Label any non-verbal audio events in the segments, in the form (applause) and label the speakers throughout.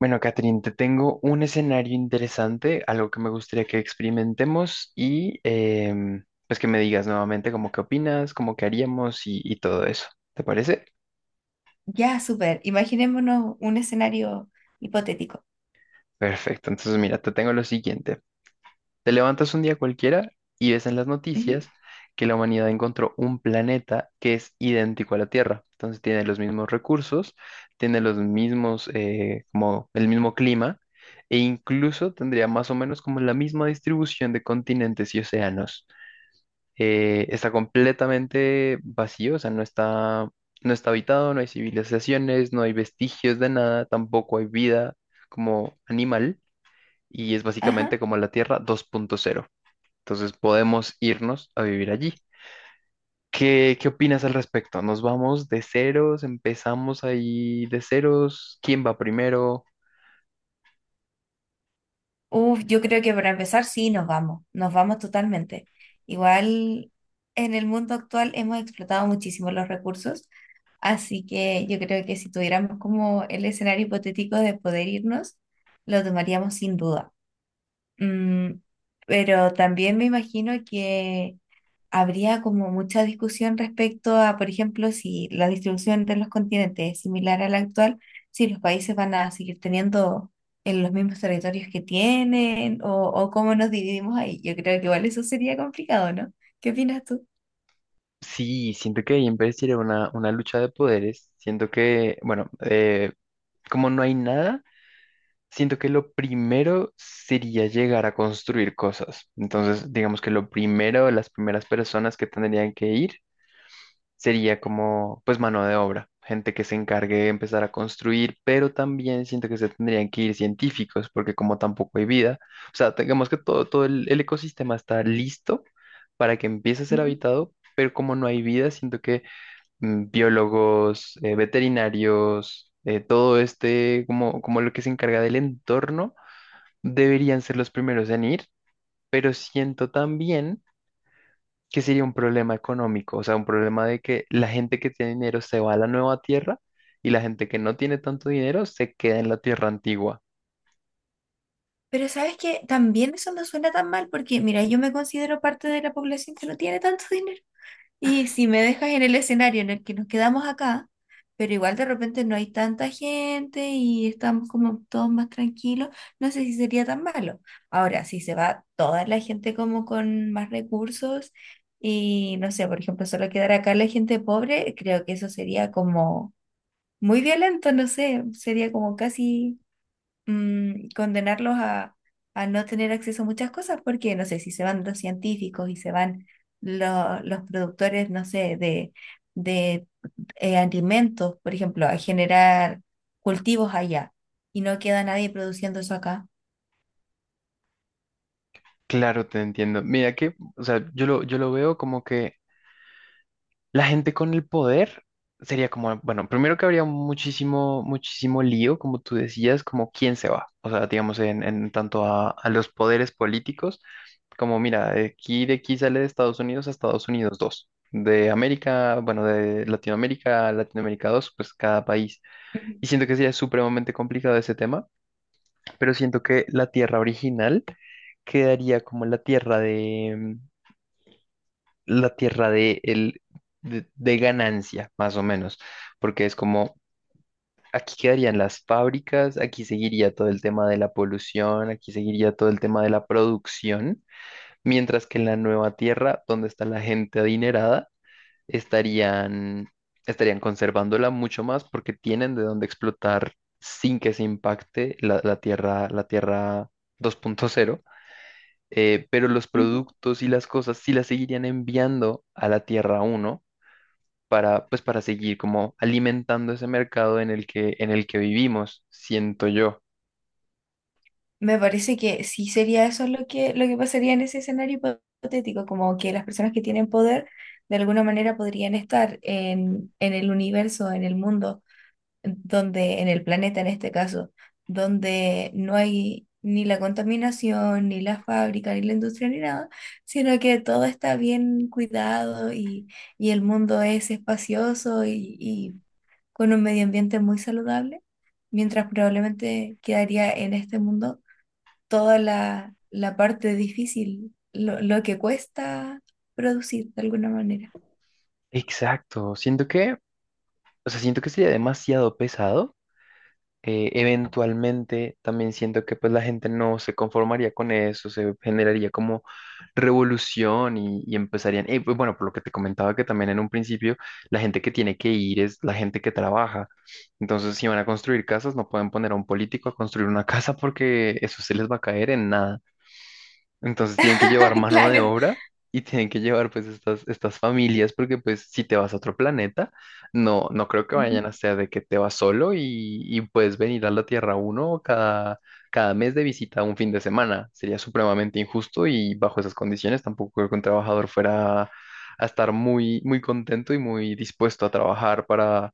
Speaker 1: Bueno, Catherine, te tengo un escenario interesante, algo que me gustaría que experimentemos y pues que me digas nuevamente cómo qué opinas, cómo qué haríamos y todo eso. ¿Te parece?
Speaker 2: Ya, súper. Imaginémonos un escenario hipotético.
Speaker 1: Perfecto, entonces mira, te tengo lo siguiente. Te levantas un día cualquiera y ves en las
Speaker 2: Ujú.
Speaker 1: noticias que la humanidad encontró un planeta que es idéntico a la Tierra. Entonces tiene los mismos recursos, tiene los mismos, como el mismo clima, e incluso tendría más o menos como la misma distribución de continentes y océanos. Está completamente vacío, o sea, no está habitado, no hay civilizaciones, no hay vestigios de nada, tampoco hay vida como animal, y es
Speaker 2: Ajá.
Speaker 1: básicamente como la Tierra 2.0. Entonces podemos irnos a vivir allí. ¿Qué opinas al respecto? ¿Nos vamos de ceros? ¿Empezamos ahí de ceros? ¿Quién va primero?
Speaker 2: Uf, yo creo que para empezar, sí, nos vamos totalmente. Igual en el mundo actual hemos explotado muchísimo los recursos, así que yo creo que si tuviéramos como el escenario hipotético de poder irnos, lo tomaríamos sin duda. Mm, pero también me imagino que habría como mucha discusión respecto a, por ejemplo, si la distribución entre los continentes es similar a la actual, si los países van a seguir teniendo en los mismos territorios que tienen o cómo nos dividimos ahí. Yo creo que igual eso sería complicado, ¿no? ¿Qué opinas tú?
Speaker 1: Sí, siento que ahí empezaría una lucha de poderes. Siento que, bueno, como no hay nada, siento que lo primero sería llegar a construir cosas. Entonces, digamos que lo primero, las primeras personas que tendrían que ir sería como pues mano de obra, gente que se encargue de empezar a construir, pero también siento que se tendrían que ir científicos, porque como tampoco hay vida, o sea, tengamos que todo, el ecosistema está listo para que empiece a ser
Speaker 2: Ujú.
Speaker 1: habitado, pero como no hay vida, siento que biólogos, veterinarios, todo este, como, como lo que se encarga del entorno, deberían ser los primeros en ir, pero siento también que sería un problema económico, o sea, un problema de que la gente que tiene dinero se va a la nueva tierra y la gente que no tiene tanto dinero se queda en la tierra antigua.
Speaker 2: Pero sabes que también eso no suena tan mal porque, mira, yo me considero parte de la población que no tiene tanto (laughs) dinero. Y si me dejas en el escenario en el que nos quedamos acá, pero igual de repente no hay tanta gente y estamos como todos más tranquilos, no sé si sería tan malo. Ahora, si se va toda la gente como con más recursos y no sé, por ejemplo, solo quedar acá la gente pobre, creo que eso sería como muy violento, no sé, sería como casi condenarlos a no tener acceso a muchas cosas, porque no sé, si se van los científicos y se van los productores, no sé, de alimentos, por ejemplo, a generar cultivos allá y no queda nadie produciendo eso acá.
Speaker 1: Claro, te entiendo. Mira que, o sea, yo lo veo como que la gente con el poder sería como, bueno, primero que habría muchísimo, muchísimo lío, como tú decías, como quién se va. O sea, digamos, en tanto a los poderes políticos, como mira, de aquí sale de Estados Unidos a Estados Unidos 2 de América, bueno, de Latinoamérica a Latinoamérica dos, pues cada país.
Speaker 2: Ujú,
Speaker 1: Y siento que sería supremamente complicado ese tema, pero siento que la tierra original quedaría como la tierra de, de ganancia, más o menos, porque es como, aquí quedarían las fábricas, aquí seguiría todo el tema de la polución, aquí seguiría todo el tema de la producción, mientras que en la nueva tierra, donde está la gente adinerada, estarían, estarían conservándola mucho más porque tienen de dónde explotar sin que se impacte la tierra 2.0. Pero los
Speaker 2: ujú.
Speaker 1: productos y las cosas sí las seguirían enviando a la Tierra uno para, pues, para seguir como alimentando ese mercado en el en el que vivimos, siento yo.
Speaker 2: Me parece que sí sería eso lo que pasaría en ese escenario hipotético, como que las personas que tienen poder de alguna manera podrían estar en el universo, en el mundo donde en el planeta en este caso, donde no hay ni la contaminación, ni la fábrica, ni la industria, ni nada, sino que todo está bien cuidado y el mundo es espacioso y con un medio ambiente muy saludable, mientras probablemente quedaría en este mundo toda la, la parte difícil, lo que cuesta producir de alguna manera.
Speaker 1: Exacto, siento que, o sea, siento que sería demasiado pesado. Eventualmente también siento que pues la gente no se conformaría con eso, se generaría como revolución y empezarían, pues, bueno, por lo que te comentaba que también en un principio la gente que tiene que ir es la gente que trabaja. Entonces, si van a construir casas, no pueden poner a un político a construir una (laughs) casa porque eso se les va a caer en nada. Entonces tienen que llevar
Speaker 2: (laughs)
Speaker 1: mano de
Speaker 2: Claro.
Speaker 1: obra y tienen que llevar pues estas familias porque pues si te vas a otro planeta, no creo que
Speaker 2: Ujú,
Speaker 1: vayan a ser de que te vas solo y puedes venir a la Tierra uno cada mes de visita un fin de semana. Sería supremamente injusto y bajo esas condiciones tampoco creo que un trabajador fuera a estar muy, muy contento y muy dispuesto a trabajar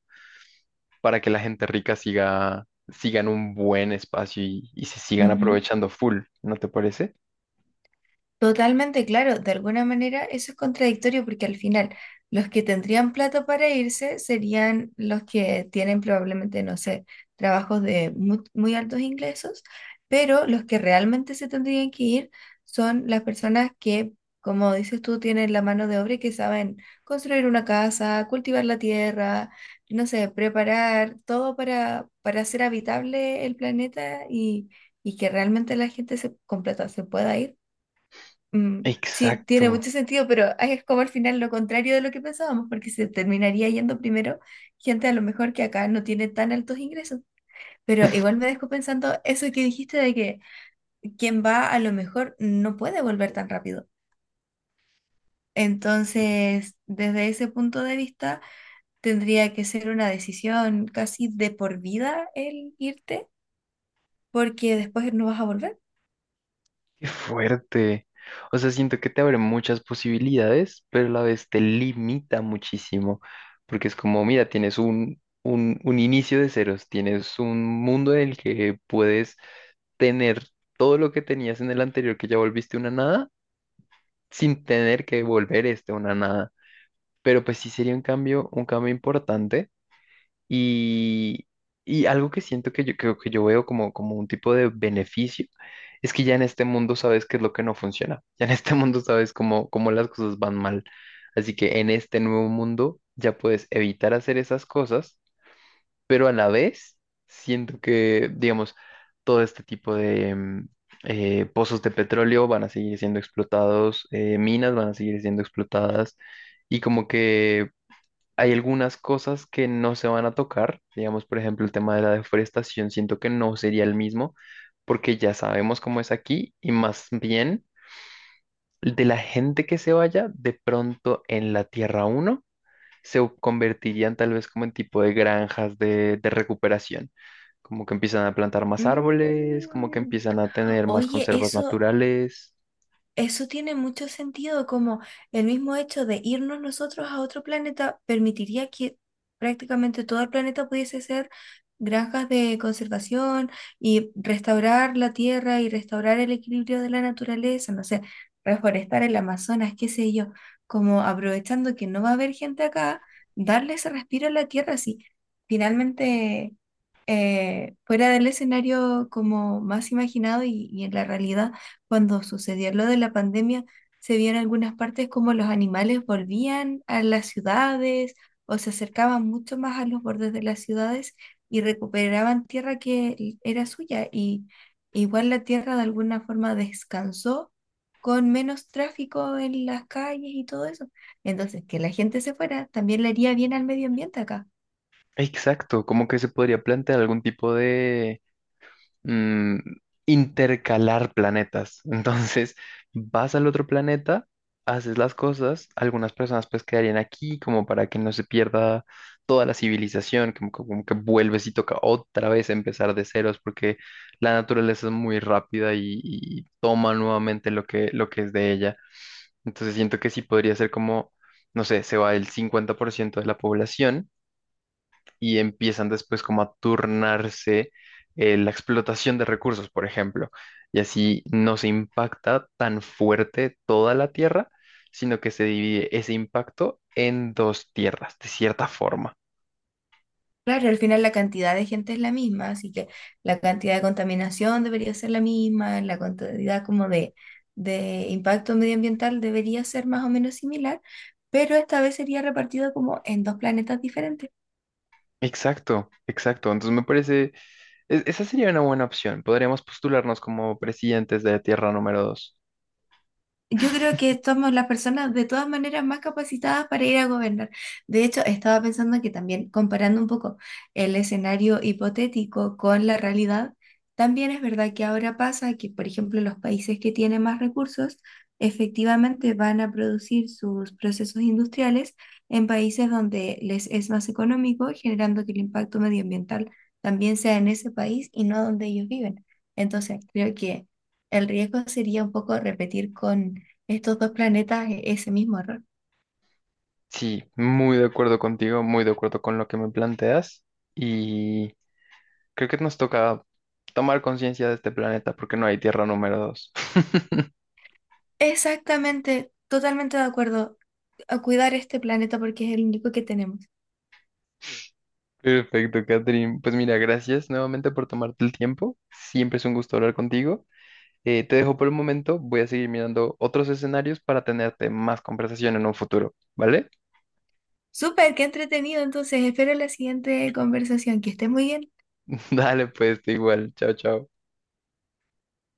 Speaker 1: para que la gente rica siga, siga en un buen espacio y se sigan
Speaker 2: ujú.
Speaker 1: aprovechando full, ¿no te parece?
Speaker 2: Totalmente claro, de alguna manera eso es contradictorio porque al final los que tendrían plata para irse serían los que tienen probablemente, no sé, trabajos de muy altos ingresos, pero los que realmente se tendrían que ir son las personas que, como dices tú, tienen la mano de obra y que saben construir una casa, cultivar la tierra, no sé, preparar todo para hacer habitable el planeta y que realmente la gente se, con plata se pueda ir. Mm, sí, tiene
Speaker 1: Exacto.
Speaker 2: mucho sentido, pero es como al final lo contrario de lo que pensábamos, porque se terminaría yendo primero gente a lo mejor que acá no tiene tan altos ingresos. Pero igual me dejo pensando eso que dijiste de que quien va a lo mejor no puede volver tan rápido. Entonces, desde ese punto de vista, tendría que ser una decisión casi de por vida el irte, porque después no vas a volver.
Speaker 1: Qué fuerte. O sea, siento que te abre muchas posibilidades, pero a la vez te limita muchísimo, porque es como, mira, tienes un inicio de ceros, tienes un mundo en el que puedes tener todo lo que tenías en el anterior, que ya volviste una nada, sin tener que volver este una nada. Pero pues sí sería un cambio importante y, y algo que siento que yo, creo que yo veo como, como un tipo de beneficio es que ya en este mundo sabes qué es lo que no funciona. (laughs) Ya en este (laughs) mundo sabes cómo, cómo las cosas van mal. Así que en este nuevo mundo ya puedes evitar hacer esas cosas, pero a la vez siento que, digamos, todo este tipo de pozos de petróleo van a seguir siendo explotados, minas van a seguir siendo explotadas. Y como que hay algunas cosas que no se van a tocar, digamos, por ejemplo, el tema de la deforestación, siento que no sería el mismo porque ya sabemos cómo es aquí y más bien de la gente que se vaya, de pronto en la Tierra Uno se convertirían tal vez como en tipo de granjas de recuperación, como que empiezan a plantar más árboles,
Speaker 2: Mm.
Speaker 1: como que empiezan a tener más
Speaker 2: Oye,
Speaker 1: conservas
Speaker 2: eso.
Speaker 1: naturales.
Speaker 2: Eso tiene mucho sentido, como el mismo hecho de irnos nosotros a otro planeta permitiría que prácticamente todo el planeta pudiese ser granjas de conservación y restaurar la tierra y restaurar el equilibrio de la naturaleza, no sé, reforestar el Amazonas, qué sé yo, como aprovechando que no va a haber gente acá, darle ese respiro a la tierra, sí. Finalmente, fuera del escenario como más imaginado y en la realidad cuando sucedió lo de la pandemia, se vio en algunas partes como los animales volvían a las ciudades o se acercaban mucho más a los bordes de las ciudades y recuperaban tierra que era suya. Y igual la tierra de alguna forma descansó con menos tráfico en las calles y todo eso. Entonces, que la gente se fuera también le haría bien al medio ambiente acá.
Speaker 1: Exacto, como que se podría plantear algún tipo, mm, intercalar planetas. Entonces, vas al otro planeta, haces las cosas, algunas personas pues quedarían aquí como para que no se pierda toda la civilización, como que vuelves y toca otra vez empezar de ceros porque la naturaleza es muy rápida y toma nuevamente lo lo que es de ella. Entonces, siento que sí podría ser como, no sé, se va el 50% de la población y empiezan después como a turnarse, la explotación de recursos, por ejemplo. Y así no se impacta tan fuerte toda la tierra, sino que se divide ese impacto en dos tierras, de cierta forma.
Speaker 2: Claro, al final la cantidad de gente es la misma, así que la cantidad de contaminación debería ser la misma, la cantidad como de impacto medioambiental debería ser más o menos similar, pero esta vez sería repartido como en dos planetas diferentes.
Speaker 1: Exacto, exacto. Entonces me parece, esa sería una buena opción. Podríamos postularnos como presidentes de tierra número dos.
Speaker 2: Yo creo que somos las personas de todas maneras más capacitadas para ir a gobernar. De hecho, estaba pensando que también comparando un poco el escenario hipotético con la realidad, también es verdad que ahora pasa que, por ejemplo, los países que tienen más recursos efectivamente van a producir sus procesos industriales en países donde les es más económico, generando que el impacto medioambiental también sea en ese país y no donde ellos viven. Entonces, creo que el riesgo sería un poco repetir con estos dos planetas ese mismo error.
Speaker 1: Sí, muy de acuerdo contigo, muy de acuerdo con lo que me planteas. Creo que nos toca tomar conciencia de este planeta porque no hay tierra número dos. (laughs)
Speaker 2: Exactamente, totalmente de acuerdo a cuidar este planeta porque es el único que tenemos.
Speaker 1: Perfecto, Catherine. Pues mira, gracias nuevamente por tomarte el tiempo. Siempre es un gusto hablar contigo. Te dejo por el momento. Voy a seguir mirando otros escenarios para tenerte más conversación en un futuro, ¿vale?
Speaker 2: Súper, qué entretenido. Entonces, espero la siguiente conversación. Que estés muy bien.
Speaker 1: (laughs) Dale, pues, tú igual. Chao, chao.